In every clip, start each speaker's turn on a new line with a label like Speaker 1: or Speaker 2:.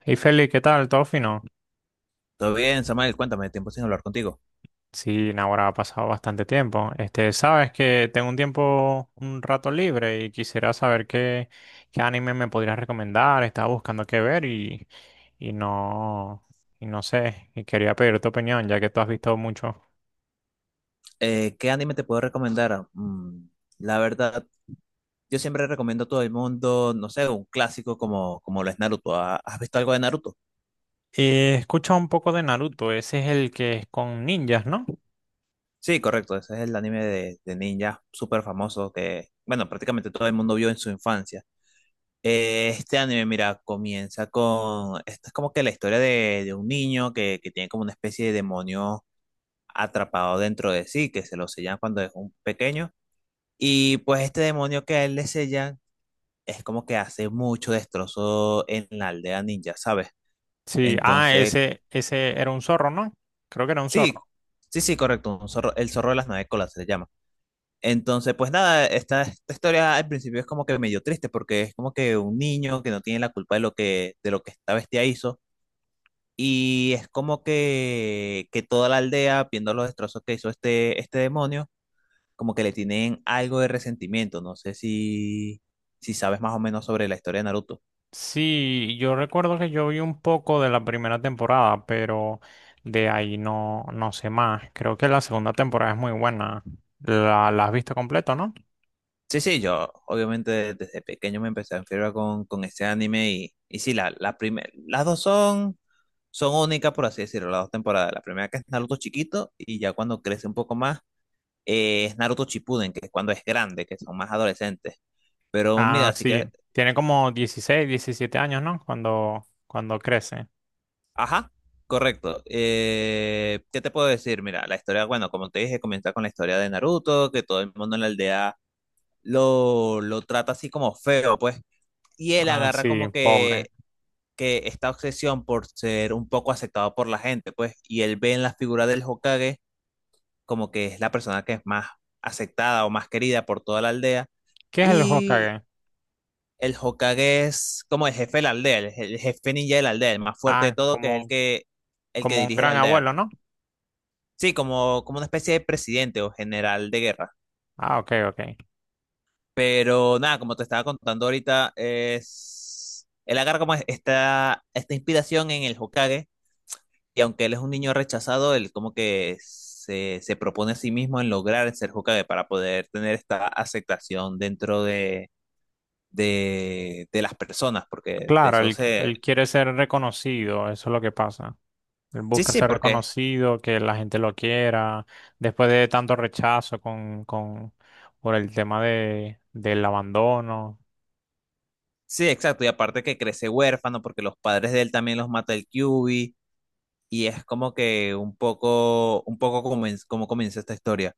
Speaker 1: Hey Feli, ¿qué tal? ¿Todo fino?
Speaker 2: Todo bien, Samuel, cuéntame, tiempo sin hablar contigo.
Speaker 1: Sí, ahora ha pasado bastante tiempo. Sabes que tengo un tiempo, un rato libre y quisiera saber qué anime me podrías recomendar. Estaba buscando qué ver y no, y no sé. Y quería pedir tu opinión, ya que tú has visto mucho.
Speaker 2: ¿Qué anime te puedo recomendar? La verdad, yo siempre recomiendo a todo el mundo, no sé, un clásico como lo es Naruto. ¿Has visto algo de Naruto?
Speaker 1: Escucha un poco de Naruto, ese es el que es con ninjas, ¿no?
Speaker 2: Sí, correcto, ese es el anime de ninja súper famoso que, bueno, prácticamente todo el mundo vio en su infancia. Este anime, mira, comienza con, esta es como que la historia de un niño que tiene como una especie de demonio atrapado dentro de sí, que se lo sellan cuando es un pequeño. Y pues este demonio que a él le sellan es como que hace mucho destrozo en la aldea ninja, ¿sabes?
Speaker 1: Sí, ah,
Speaker 2: Entonces,
Speaker 1: ese era un zorro, ¿no? Creo que era un
Speaker 2: sí,
Speaker 1: zorro.
Speaker 2: sí, sí, correcto, un zorro, el zorro de las nueve colas se le llama. Entonces, pues nada, esta historia al principio es como que medio triste porque es como que un niño que no tiene la culpa de lo de lo que esta bestia hizo y es como que toda la aldea, viendo los destrozos que hizo este demonio, como que le tienen algo de resentimiento. No sé si sabes más o menos sobre la historia de Naruto.
Speaker 1: Sí, yo recuerdo que yo vi un poco de la primera temporada, pero de ahí no, no sé más. Creo que la segunda temporada es muy buena. La has visto completo, ¿no?
Speaker 2: Sí, sí, yo obviamente desde pequeño me empecé a enfermar con este anime y sí, las dos son, son únicas, por así decirlo, las dos temporadas. La primera que es Naruto chiquito y ya cuando crece un poco más es Naruto Shippuden, que es cuando es grande, que son más adolescentes. Pero mira,
Speaker 1: Ah,
Speaker 2: así que,
Speaker 1: sí. Tiene como 16, 17 años, ¿no? Cuando crece.
Speaker 2: ajá, correcto. ¿Qué te puedo decir? Mira, la historia, bueno, como te dije, comienza con la historia de Naruto, que todo el mundo en la aldea lo trata así como feo, pues. Y él
Speaker 1: Ah,
Speaker 2: agarra
Speaker 1: sí,
Speaker 2: como que
Speaker 1: pobre.
Speaker 2: que esta obsesión por ser un poco aceptado por la gente, pues, y él ve en la figura del Hokage como que es la persona que es más aceptada o más querida por toda la aldea,
Speaker 1: ¿Qué es el
Speaker 2: y
Speaker 1: Hokage?
Speaker 2: el Hokage es como el jefe de la aldea, el jefe ninja de la aldea, el más fuerte de
Speaker 1: Ah,
Speaker 2: todo, que es el el que
Speaker 1: como un
Speaker 2: dirige la
Speaker 1: gran
Speaker 2: aldea.
Speaker 1: abuelo, ¿no?
Speaker 2: Sí, como una especie de presidente o general de guerra.
Speaker 1: Ah, ok, ok.
Speaker 2: Pero nada, como te estaba contando ahorita, es él agarra como esta inspiración en el Hokage y aunque él es un niño rechazado, él como que se propone a sí mismo en lograr ser Hokage para poder tener esta aceptación dentro de las personas, porque de
Speaker 1: Claro,
Speaker 2: eso se...
Speaker 1: él quiere ser reconocido, eso es lo que pasa. Él
Speaker 2: Sí,
Speaker 1: busca
Speaker 2: sí,
Speaker 1: ser
Speaker 2: porque...
Speaker 1: reconocido, que la gente lo quiera, después de tanto rechazo por el tema del abandono.
Speaker 2: Sí, exacto, y aparte que crece huérfano porque los padres de él también los mata el Kyuubi y es como que un poco como, como comienza esta historia.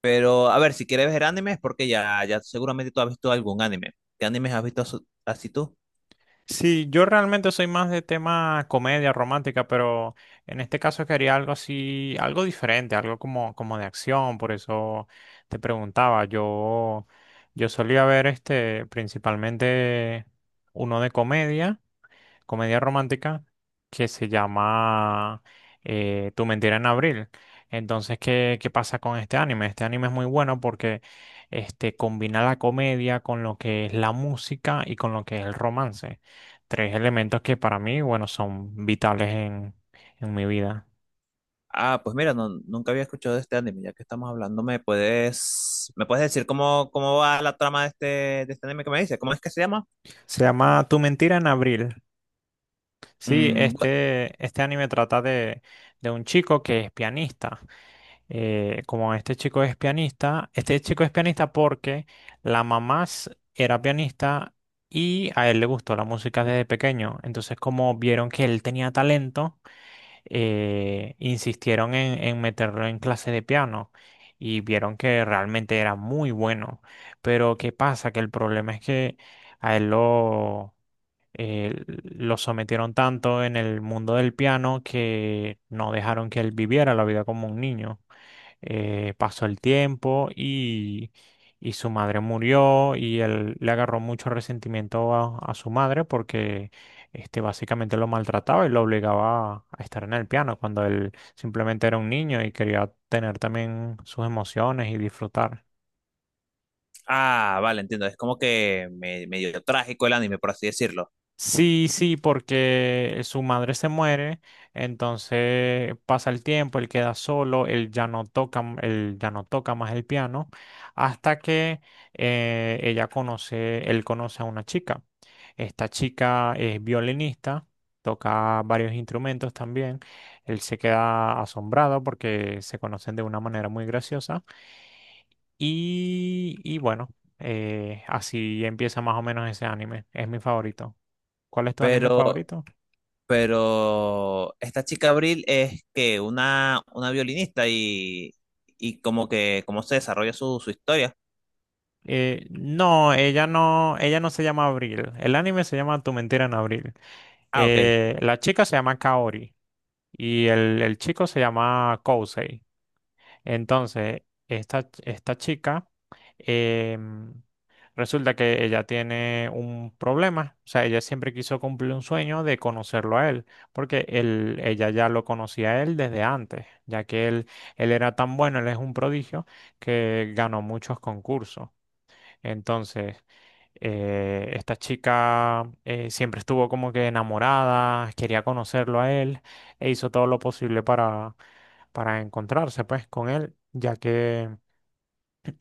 Speaker 2: Pero a ver, si quieres ver animes es porque ya seguramente tú has visto algún anime. ¿Qué animes has visto así tú?
Speaker 1: Sí, yo realmente soy más de tema comedia romántica, pero en este caso quería algo así, algo diferente, algo como, como de acción, por eso te preguntaba. Yo solía ver principalmente uno de comedia, comedia romántica que se llama Tu mentira en abril. Entonces, ¿qué pasa con este anime? Este anime es muy bueno porque combina la comedia con lo que es la música y con lo que es el romance. Tres elementos que para mí, bueno, son vitales en mi vida.
Speaker 2: Ah, pues mira, nunca había escuchado de este anime, ya que estamos hablando, ¿me puedes decir cómo, cómo va la trama de este anime que me dice? ¿Cómo es que se llama?
Speaker 1: Se llama Tu mentira en abril. Sí,
Speaker 2: Mm, bu-
Speaker 1: este anime trata de un chico que es pianista. Como este chico es pianista, este chico es pianista porque era pianista y a él le gustó la música desde pequeño. Entonces, como vieron que él tenía talento, insistieron en meterlo en clase de piano y vieron que realmente era muy bueno. Pero, ¿qué pasa? Que el problema es que a él lo sometieron tanto en el mundo del piano que no dejaron que él viviera la vida como un niño. Pasó el tiempo y su madre murió y él le agarró mucho resentimiento a su madre porque básicamente lo maltrataba y lo obligaba a estar en el piano cuando él simplemente era un niño y quería tener también sus emociones y disfrutar.
Speaker 2: ah, vale, entiendo, es como que medio trágico el anime, por así decirlo.
Speaker 1: Sí, sí, porque su madre se muere, entonces pasa el tiempo, él queda solo, él ya no toca, él ya no toca más el piano, hasta que él conoce a una chica. Esta chica es violinista, toca varios instrumentos también. Él se queda asombrado porque se conocen de una manera muy graciosa. Y bueno, así empieza más o menos ese anime. Es mi favorito. ¿Cuál es tu anime
Speaker 2: Pero,
Speaker 1: favorito?
Speaker 2: pero esta chica Abril es que una violinista y como que cómo se desarrolla su, su historia.
Speaker 1: No, ella no se llama Abril. El anime se llama Tu mentira en abril.
Speaker 2: Ah, ok.
Speaker 1: La chica se llama Kaori y el chico se llama Kousei. Entonces, esta chica, em, resulta que ella tiene un problema, o sea, ella siempre quiso cumplir un sueño de conocerlo a él, porque ella ya lo conocía a él desde antes, ya que él era tan bueno, él es un prodigio, que ganó muchos concursos. Entonces, esta chica siempre estuvo como que enamorada, quería conocerlo a él e hizo todo lo posible para encontrarse pues con él, ya que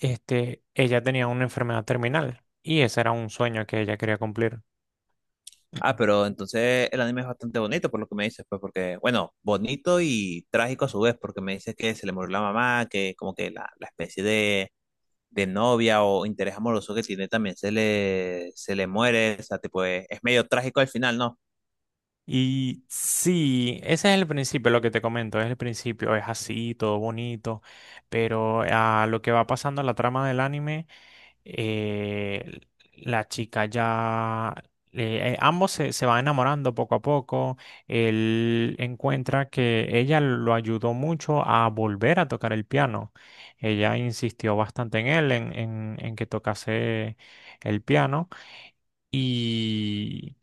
Speaker 1: ella tenía una enfermedad terminal y ese era un sueño que ella quería cumplir.
Speaker 2: Ah, pero entonces el anime es bastante bonito por lo que me dices, pues porque, bueno, bonito y trágico a su vez, porque me dices que se le murió la mamá, que como que la especie de novia o interés amoroso que tiene también se se le muere, o sea, tipo, es medio trágico al final, ¿no?
Speaker 1: Y sí, ese es el principio, lo que te comento, es el principio, es así, todo bonito, pero a lo que va pasando en la trama del anime, eh, la chica ya, ambos se van enamorando poco a poco, él encuentra que ella lo ayudó mucho a volver a tocar el piano, ella insistió bastante en él, en que tocase el piano. Y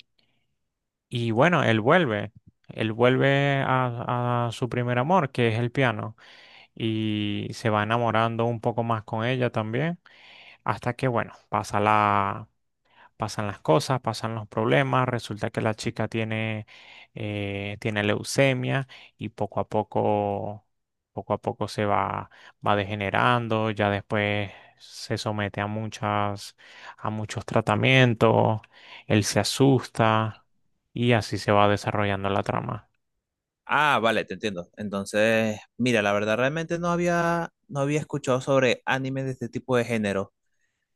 Speaker 1: y bueno, él vuelve a su primer amor, que es el piano, y se va enamorando un poco más con ella también, hasta que, bueno, pasan las cosas, pasan los problemas, resulta que tiene leucemia y poco a poco va degenerando, ya después se somete a muchos tratamientos, él se asusta y así se va desarrollando la trama.
Speaker 2: Ah, vale, te entiendo. Entonces, mira, la verdad realmente no había escuchado sobre animes de este tipo de género.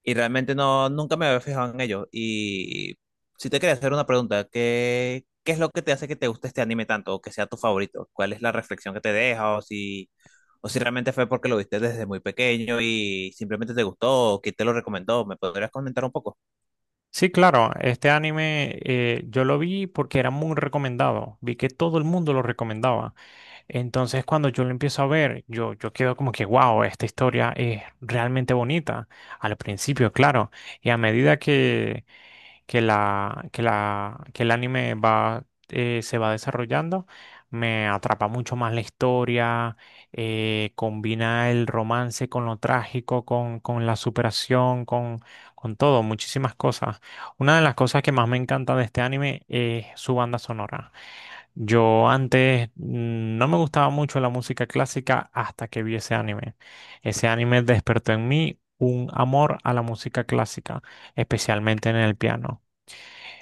Speaker 2: Y realmente no, nunca me había fijado en ello. Y si te quería hacer una pregunta, ¿qué es lo que te hace que te guste este anime tanto o que sea tu favorito? ¿Cuál es la reflexión que te deja o si realmente fue porque lo viste desde muy pequeño y simplemente te gustó o quién te lo recomendó? ¿Me podrías comentar un poco?
Speaker 1: Sí, claro, este anime yo lo vi porque era muy recomendado, vi que todo el mundo lo recomendaba. Entonces cuando yo lo empiezo a ver, yo quedo como que, wow, esta historia es realmente bonita, al principio, claro, y a medida que el anime va, se va desarrollando, me atrapa mucho más la historia, combina el romance con lo trágico, con la superación, con todo, muchísimas cosas. Una de las cosas que más me encanta de este anime es su banda sonora. Yo antes no me gustaba mucho la música clásica hasta que vi ese anime. Ese anime despertó en mí un amor a la música clásica, especialmente en el piano.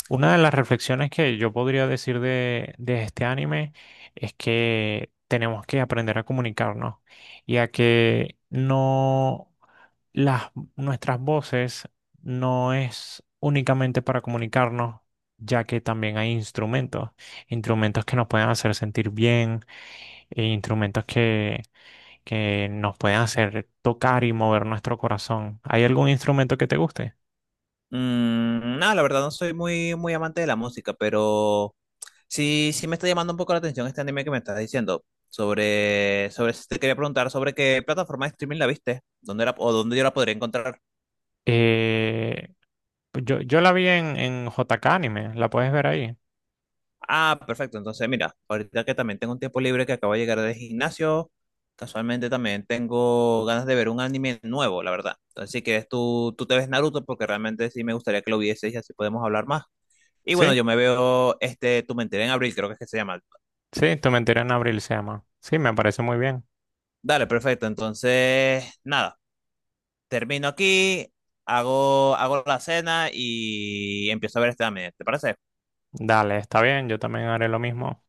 Speaker 1: Una de las reflexiones que yo podría decir de este anime es que tenemos que aprender a comunicarnos y a que no las, nuestras voces no es únicamente para comunicarnos, ya que también hay instrumentos, instrumentos que nos pueden hacer sentir bien, e instrumentos que nos pueden hacer tocar y mover nuestro corazón. ¿Hay algún instrumento que te guste?
Speaker 2: Mm, no, la verdad no soy muy amante de la música, pero sí, sí me está llamando un poco la atención este anime que me estás diciendo. Sobre, sobre, te quería preguntar sobre qué plataforma de streaming la viste, dónde la, o dónde yo la podría encontrar.
Speaker 1: Eh, yo la vi en JK Anime, la puedes ver ahí.
Speaker 2: Ah, perfecto. Entonces, mira, ahorita que también tengo un tiempo libre que acabo de llegar del gimnasio, casualmente también tengo ganas de ver un anime nuevo, la verdad. Entonces, si quieres, tú te ves Naruto porque realmente sí me gustaría que lo vieses y así podemos hablar más. Y bueno,
Speaker 1: ¿Sí?
Speaker 2: yo me veo este Tu Mentira en abril, creo que es que se llama.
Speaker 1: Sí, Tu mentira en abril se llama. Sí, me parece muy bien.
Speaker 2: Dale, perfecto. Entonces, nada, termino aquí, hago la cena y empiezo a ver este anime. ¿Te parece?
Speaker 1: Dale, está bien, yo también haré lo mismo.